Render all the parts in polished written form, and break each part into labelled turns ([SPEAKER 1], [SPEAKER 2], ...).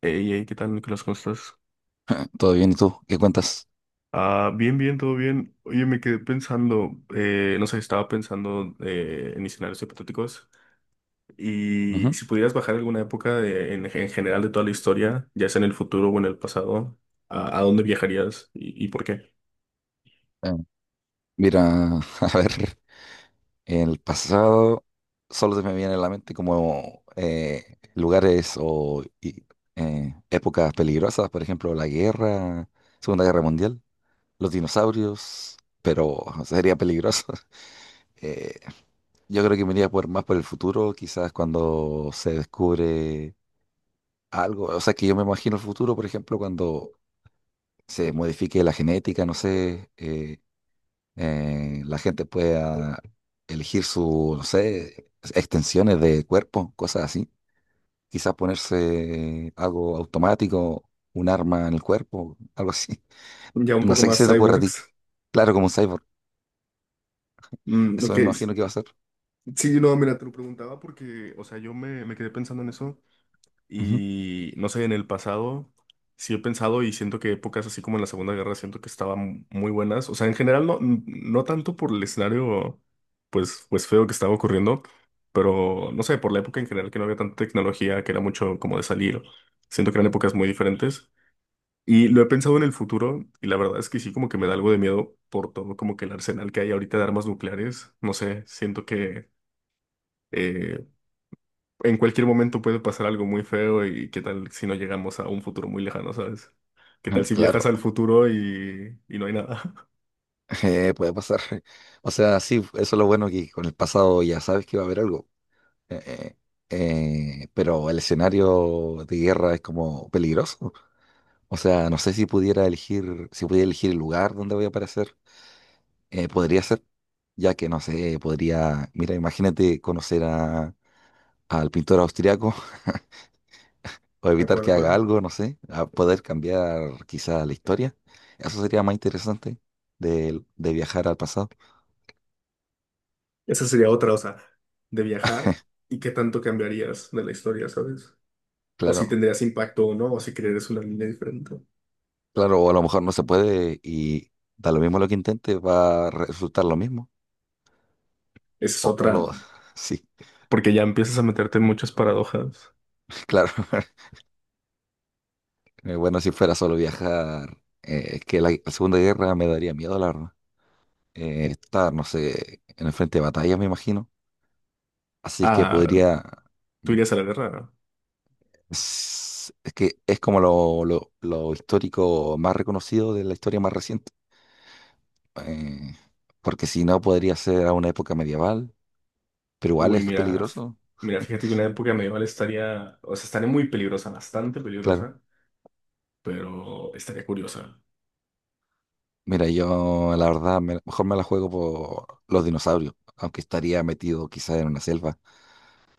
[SPEAKER 1] Hey, hey, ¿qué tal, Nicolás? ¿Cómo estás?
[SPEAKER 2] Todo bien, ¿y tú? ¿Qué cuentas?
[SPEAKER 1] Ah, bien, bien, todo bien. Oye, me quedé pensando, no sé, estaba pensando en escenarios hipotéticos y
[SPEAKER 2] Ujú.
[SPEAKER 1] si pudieras bajar alguna en general de toda la historia, ya sea en el futuro o en el pasado, ¿a dónde viajarías y por qué?
[SPEAKER 2] Eh, mira, a ver, el pasado solo se me viene a la mente como lugares, épocas peligrosas, por ejemplo, la guerra, Segunda Guerra Mundial, los dinosaurios, pero sería peligroso. Eh, yo creo que me iría por, más por el futuro, quizás cuando se descubre algo, o sea, que yo me imagino el futuro, por ejemplo, cuando se modifique la genética, no sé. La gente pueda elegir su, no sé, extensiones de cuerpo, cosas así. Quizás ponerse algo automático, un arma en el cuerpo, algo así.
[SPEAKER 1] Ya un
[SPEAKER 2] No
[SPEAKER 1] poco
[SPEAKER 2] sé qué
[SPEAKER 1] más
[SPEAKER 2] se te ocurre a ti.
[SPEAKER 1] cyborgs.
[SPEAKER 2] Claro, como un cyborg.
[SPEAKER 1] Mm,
[SPEAKER 2] Eso
[SPEAKER 1] ok.
[SPEAKER 2] me imagino que va a ser.
[SPEAKER 1] Sí, no, mira, te lo preguntaba porque, o sea, yo me quedé pensando en eso.
[SPEAKER 2] Ujú.
[SPEAKER 1] Y no sé, en el pasado sí he pensado y siento que épocas así como en la Segunda Guerra siento que estaban muy buenas. O sea, en general no, no tanto por el escenario pues feo que estaba ocurriendo, pero no sé, por la época en general que no había tanta tecnología, que era mucho como de salir. Siento que eran épocas muy diferentes. Y lo he pensado en el futuro y la verdad es que sí como que me da algo de miedo por todo como que el arsenal que hay ahorita de armas nucleares. No sé, siento que eh, en cualquier momento puede pasar algo muy feo y qué tal si no llegamos a un futuro muy lejano, ¿sabes? ¿Qué tal si viajas
[SPEAKER 2] Claro,
[SPEAKER 1] al futuro y no hay nada?
[SPEAKER 2] puede pasar. O sea, sí, eso es lo bueno que con el pasado ya sabes que va a haber algo. Eh, pero el escenario de guerra es como peligroso. O sea, no sé si pudiera elegir el lugar donde voy a aparecer, podría ser, ya que no sé, podría, mira, imagínate conocer al pintor austriaco o
[SPEAKER 1] ¿A
[SPEAKER 2] evitar
[SPEAKER 1] cuál, a
[SPEAKER 2] que haga
[SPEAKER 1] cuál?
[SPEAKER 2] algo, no sé, a poder cambiar quizá la historia. Eso sería más interesante de viajar al pasado.
[SPEAKER 1] Esa sería otra, o sea, de viajar y qué tanto cambiarías de la historia, ¿sabes? O si
[SPEAKER 2] Claro,
[SPEAKER 1] tendrías impacto o no, o si creerías una línea diferente.
[SPEAKER 2] claro, o a lo mejor no se puede y da lo mismo lo que intente, va a resultar lo mismo.
[SPEAKER 1] Esa es
[SPEAKER 2] O, o
[SPEAKER 1] otra,
[SPEAKER 2] lo, sí,
[SPEAKER 1] porque ya empiezas a meterte en muchas paradojas.
[SPEAKER 2] claro. Bueno, si fuera solo viajar, es que la Segunda Guerra me daría miedo, la verdad. Estar, no sé, en el frente de batalla, me imagino. Así que
[SPEAKER 1] Ah,
[SPEAKER 2] podría.
[SPEAKER 1] tú
[SPEAKER 2] mm,
[SPEAKER 1] irías a la guerra, ¿no?
[SPEAKER 2] Es, es que es como lo histórico más reconocido de la historia más reciente. Eh, porque si no, podría ser a una época medieval, pero igual
[SPEAKER 1] Uy,
[SPEAKER 2] es
[SPEAKER 1] mira,
[SPEAKER 2] peligroso,
[SPEAKER 1] mira, fíjate que una época medieval estaría, o sea, estaría muy peligrosa, bastante
[SPEAKER 2] claro.
[SPEAKER 1] peligrosa, pero estaría curiosa.
[SPEAKER 2] Mira, yo la verdad mejor me la juego por los dinosaurios, aunque estaría metido quizá en una selva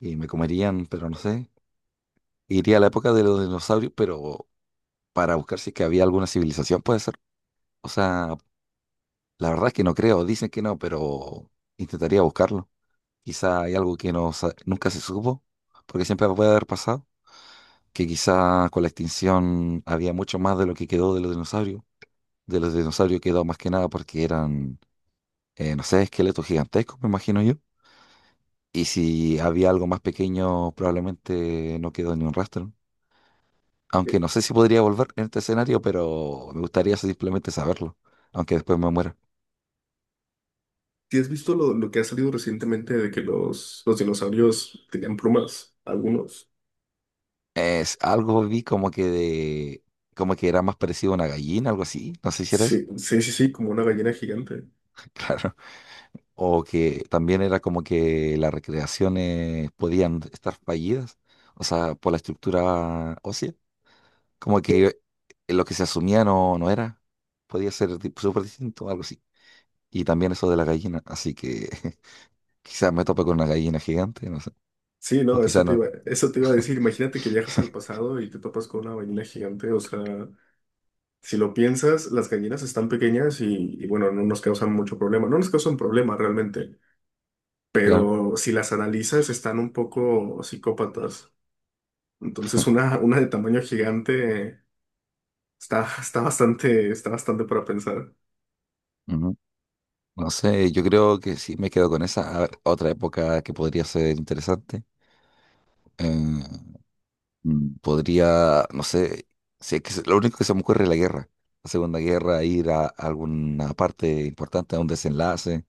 [SPEAKER 2] y me comerían, pero no sé. Iría a la época de los dinosaurios, pero para buscar si es que había alguna civilización, puede ser. O sea, la verdad es que no creo, dicen que no, pero intentaría buscarlo. Quizá hay algo que no, nunca se supo, porque siempre puede haber pasado, que quizá con la extinción había mucho más de lo que quedó de los dinosaurios. De los dinosaurios quedó más que nada porque eran, no sé, esqueletos gigantescos, me imagino yo. Y si había algo más pequeño, probablemente no quedó ni un rastro. Aunque no sé si podría volver en este escenario, pero me gustaría simplemente saberlo, aunque después me muera.
[SPEAKER 1] ¿Si has visto lo que ha salido recientemente de que los dinosaurios tenían plumas? Algunos.
[SPEAKER 2] Es algo vi como que de, como que era más parecido a una gallina, algo así, no sé si era eso,
[SPEAKER 1] Sí, sí, sí, sí, como una gallina gigante.
[SPEAKER 2] claro. O que también era como que las recreaciones podían estar fallidas, o sea, por la estructura ósea, como que lo que se asumía no, no era, podía ser tipo súper distinto, algo así. Y también eso de la gallina, así que quizás me tope con una gallina gigante, no sé,
[SPEAKER 1] Sí,
[SPEAKER 2] o
[SPEAKER 1] no,
[SPEAKER 2] quizás no,
[SPEAKER 1] eso te iba a decir. Imagínate que viajas al pasado y te topas con una gallina gigante. O sea, si lo piensas, las gallinas están pequeñas y bueno, no nos causan mucho problema. No nos causan problema realmente,
[SPEAKER 2] claro.
[SPEAKER 1] pero si las analizas, están un poco psicópatas. Entonces, una de tamaño gigante. Está bastante para pensar.
[SPEAKER 2] Ujú. No sé, yo creo que sí me quedo con esa. A ver, otra época que podría ser interesante. eh, podría, no sé, si es que lo único que se me ocurre es la guerra. La Segunda Guerra, ir a alguna parte importante, a un desenlace.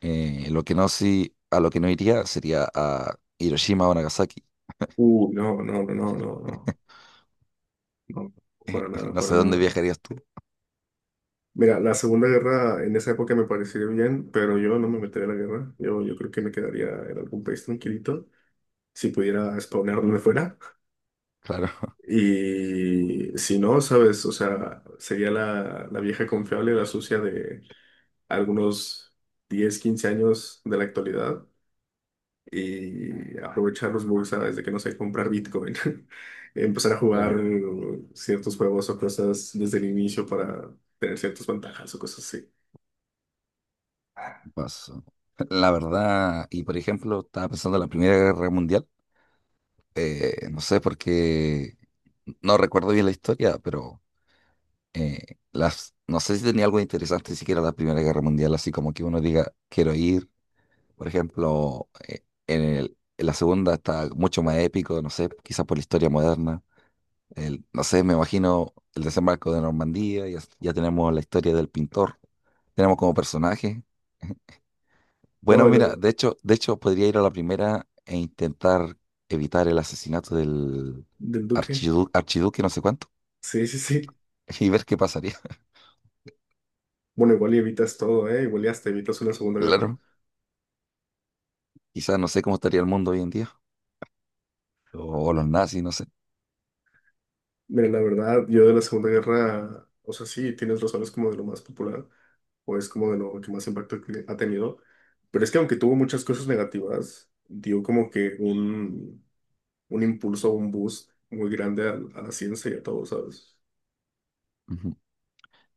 [SPEAKER 2] Lo que no, sí, a lo que no iría sería a Hiroshima o Nagasaki.
[SPEAKER 1] No, no, no, no, no, no, no, para nada,
[SPEAKER 2] No
[SPEAKER 1] para
[SPEAKER 2] sé dónde
[SPEAKER 1] nada.
[SPEAKER 2] viajarías tú.
[SPEAKER 1] Mira, la Segunda Guerra en esa época me pareció bien, pero yo no me metería en la guerra. Yo creo que me quedaría en algún país tranquilito, si pudiera spawnear donde fuera.
[SPEAKER 2] Claro,
[SPEAKER 1] Y si no, ¿sabes? O sea, sería la vieja confiable, la sucia de algunos 10 15 años de la actualidad y aprovechar los bugs a, desde que no sé comprar Bitcoin, empezar a jugar
[SPEAKER 2] claro.
[SPEAKER 1] ciertos juegos o cosas desde el inicio para tener ciertas ventajas o cosas así.
[SPEAKER 2] Paso. La verdad, y por ejemplo, estaba pensando en la Primera Guerra Mundial. No sé por qué, no recuerdo bien la historia, pero no sé si tenía algo interesante siquiera la Primera Guerra Mundial, así como que uno diga, quiero ir, por ejemplo, en la segunda está mucho más épico, no sé, quizás por la historia moderna, no sé, me imagino el desembarco de Normandía, ya, ya tenemos la historia del pintor, tenemos como personaje.
[SPEAKER 1] No,
[SPEAKER 2] Bueno,
[SPEAKER 1] de lo
[SPEAKER 2] mira, de hecho podría ir a la primera e intentar evitar el asesinato del
[SPEAKER 1] del Duque.
[SPEAKER 2] archiduque, no sé cuánto,
[SPEAKER 1] Sí, sí, sí.
[SPEAKER 2] y ver qué pasaría.
[SPEAKER 1] Bueno, igual y evitas todo, ¿eh? Igual y hasta evitas una segunda guerra.
[SPEAKER 2] Claro, quizás no sé cómo estaría el mundo hoy en día, o los nazis, no sé.
[SPEAKER 1] Mira, la verdad, yo de la segunda guerra, o sea, sí, tienes razón, es como de lo más popular, o es como de lo que más impacto que ha tenido. Pero es que aunque tuvo muchas cosas negativas, dio como que un impulso, un boost muy grande a la ciencia y a todo, ¿sabes?
[SPEAKER 2] Ujú.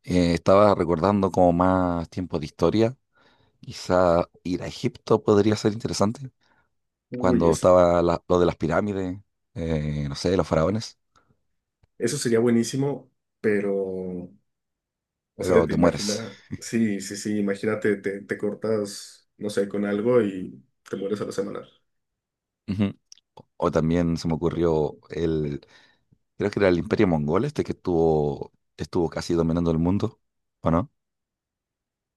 [SPEAKER 2] Estaba recordando como más tiempos de historia, quizá ir a Egipto podría ser interesante,
[SPEAKER 1] Uy,
[SPEAKER 2] cuando
[SPEAKER 1] eso,
[SPEAKER 2] estaba lo de las pirámides, no sé, los faraones,
[SPEAKER 1] eso sería buenísimo, pero, o sea,
[SPEAKER 2] pero
[SPEAKER 1] te
[SPEAKER 2] te mueres.
[SPEAKER 1] imaginas, sí, sí, sí, imagínate, te cortas, no sé, con algo y te mueres a la semana.
[SPEAKER 2] Ujú. O también se me ocurrió. Creo que era el Imperio Mongol este que estuvo casi dominando el mundo, ¿o no?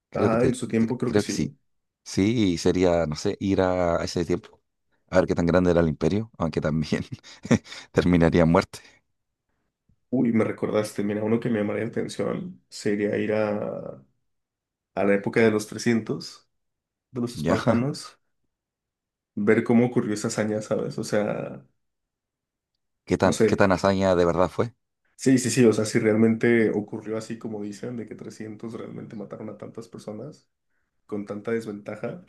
[SPEAKER 2] Creo que
[SPEAKER 1] Ah, en su tiempo creo que
[SPEAKER 2] creo que
[SPEAKER 1] sí.
[SPEAKER 2] sí. Sí, sería, no sé, ir a ese tiempo, a ver qué tan grande era el imperio, aunque también terminaría en muerte,
[SPEAKER 1] Uy, me recordaste, mira, uno que me llamaría la atención sería ir a la época de los 300 de los
[SPEAKER 2] ¿ya?
[SPEAKER 1] espartanos, ver cómo ocurrió esa hazaña, ¿sabes? O sea,
[SPEAKER 2] ¿Qué
[SPEAKER 1] no
[SPEAKER 2] tan, qué
[SPEAKER 1] sé.
[SPEAKER 2] tan hazaña de verdad fue?
[SPEAKER 1] Sí, sí, sí, o sea, si realmente ocurrió así como dicen, de que 300 realmente mataron a tantas personas con tanta desventaja,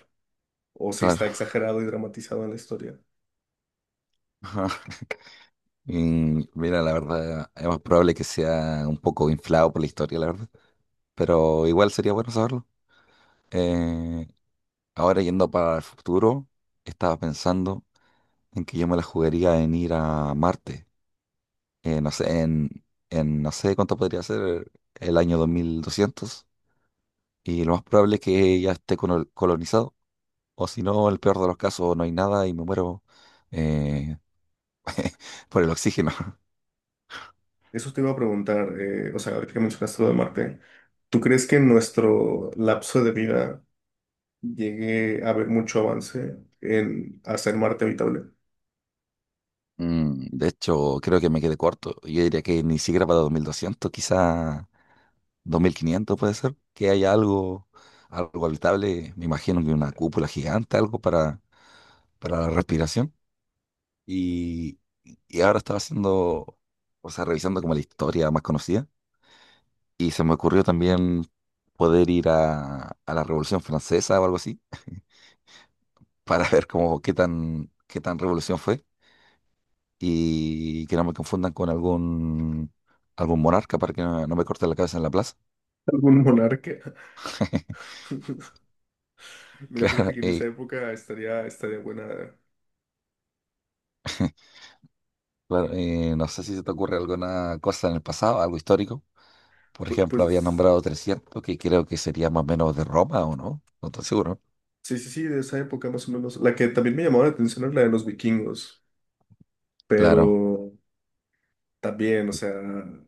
[SPEAKER 1] o si
[SPEAKER 2] Claro.
[SPEAKER 1] está exagerado y dramatizado en la historia.
[SPEAKER 2] Ajá. Y mira, la verdad, es más probable que sea un poco inflado por la historia, la verdad, pero igual sería bueno saberlo. Eh, ahora yendo para el futuro, estaba pensando en que yo me la jugaría en ir a Marte. No sé, en no sé cuánto podría ser el año 2200. Y lo más probable es que ya esté colonizado. O si no, el peor de los casos, no hay nada y me muero eh, por el oxígeno.
[SPEAKER 1] Eso te iba a preguntar, o sea, ahorita que mencionaste lo de Marte, ¿tú crees que en nuestro lapso de vida llegue a haber mucho avance en hacer Marte habitable?
[SPEAKER 2] De hecho, creo que me quedé corto. Yo diría que ni siquiera para 2200, quizá 2500 puede ser. Que haya algo, algo habitable. Me imagino que una cúpula gigante, algo para, la respiración. Y, y ahora estaba haciendo, o sea, revisando como la historia más conocida. Y se me ocurrió también poder ir a la Revolución Francesa o algo así, para ver cómo qué tan revolución fue. Y que no me confundan con algún monarca para que no, no me corten la cabeza en la plaza.
[SPEAKER 1] ¿Algún monarca? Mira, fíjate
[SPEAKER 2] Claro,
[SPEAKER 1] que en esa época estaría, estaría buena,
[SPEAKER 2] claro, no sé si se te ocurre alguna cosa en el pasado, algo histórico. Por
[SPEAKER 1] pu-
[SPEAKER 2] ejemplo, había
[SPEAKER 1] pues...
[SPEAKER 2] nombrado 300 que creo que sería más o menos de Roma, ¿o no? No estoy seguro.
[SPEAKER 1] Sí, sí, sí, de esa época más o menos. La que también me llamaba la atención era la de los vikingos,
[SPEAKER 2] Claro.
[SPEAKER 1] pero también, o sea,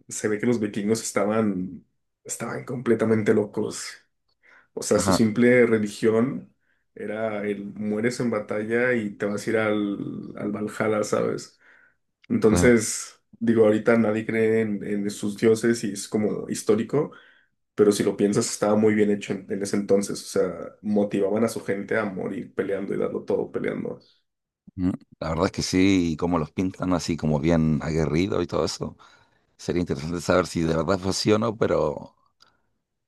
[SPEAKER 1] se ve que los vikingos estaban, estaban completamente locos. O sea, su
[SPEAKER 2] Ajá,
[SPEAKER 1] simple religión era el mueres en batalla y te vas a ir al, al Valhalla, ¿sabes?
[SPEAKER 2] claro.
[SPEAKER 1] Entonces, digo, ahorita nadie cree en sus dioses y es como histórico, pero si lo piensas, estaba muy bien hecho en ese entonces. O sea, motivaban a su gente a morir peleando y darlo todo peleando.
[SPEAKER 2] Mm, La verdad es que sí, y cómo los pintan así como bien aguerrido y todo eso. Sería interesante saber si de verdad fue así o no, pero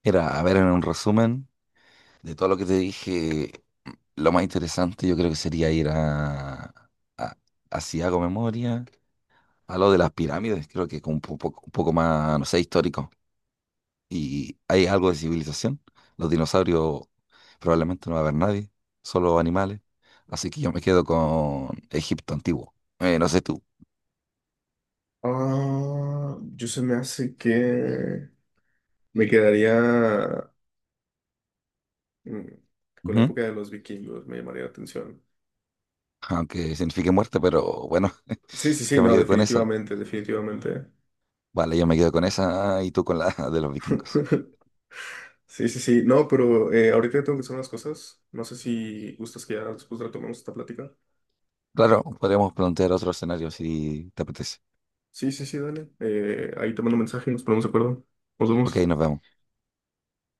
[SPEAKER 2] a ver, en un resumen de todo lo que te dije, lo más interesante yo creo que sería ir a, a si hago memoria, a lo de las pirámides, creo que con un poco más, no sé, histórico. Y hay algo de civilización. Los dinosaurios probablemente no va a haber nadie, solo animales. Así que yo me quedo con Egipto antiguo. No sé tú.
[SPEAKER 1] Ah, yo se me hace que me quedaría mm, con la
[SPEAKER 2] Ujú.
[SPEAKER 1] época de los vikingos, me llamaría la atención.
[SPEAKER 2] Aunque signifique muerte, pero bueno,
[SPEAKER 1] Sí, sí, sí,
[SPEAKER 2] yo me
[SPEAKER 1] no,
[SPEAKER 2] quedo con esa.
[SPEAKER 1] definitivamente, definitivamente.
[SPEAKER 2] Vale, yo me quedo con esa y tú con la de los vikingos.
[SPEAKER 1] Sí, sí, sí, no, pero ahorita tengo que hacer unas cosas. No sé si gustas que ya después retomemos esta plática.
[SPEAKER 2] Claro, podríamos plantear otro escenario si te apetece.
[SPEAKER 1] Sí, sí, sí, dale. Ahí te mando un mensaje y nos ponemos de acuerdo. Nos
[SPEAKER 2] Ok,
[SPEAKER 1] vemos.
[SPEAKER 2] nos vemos.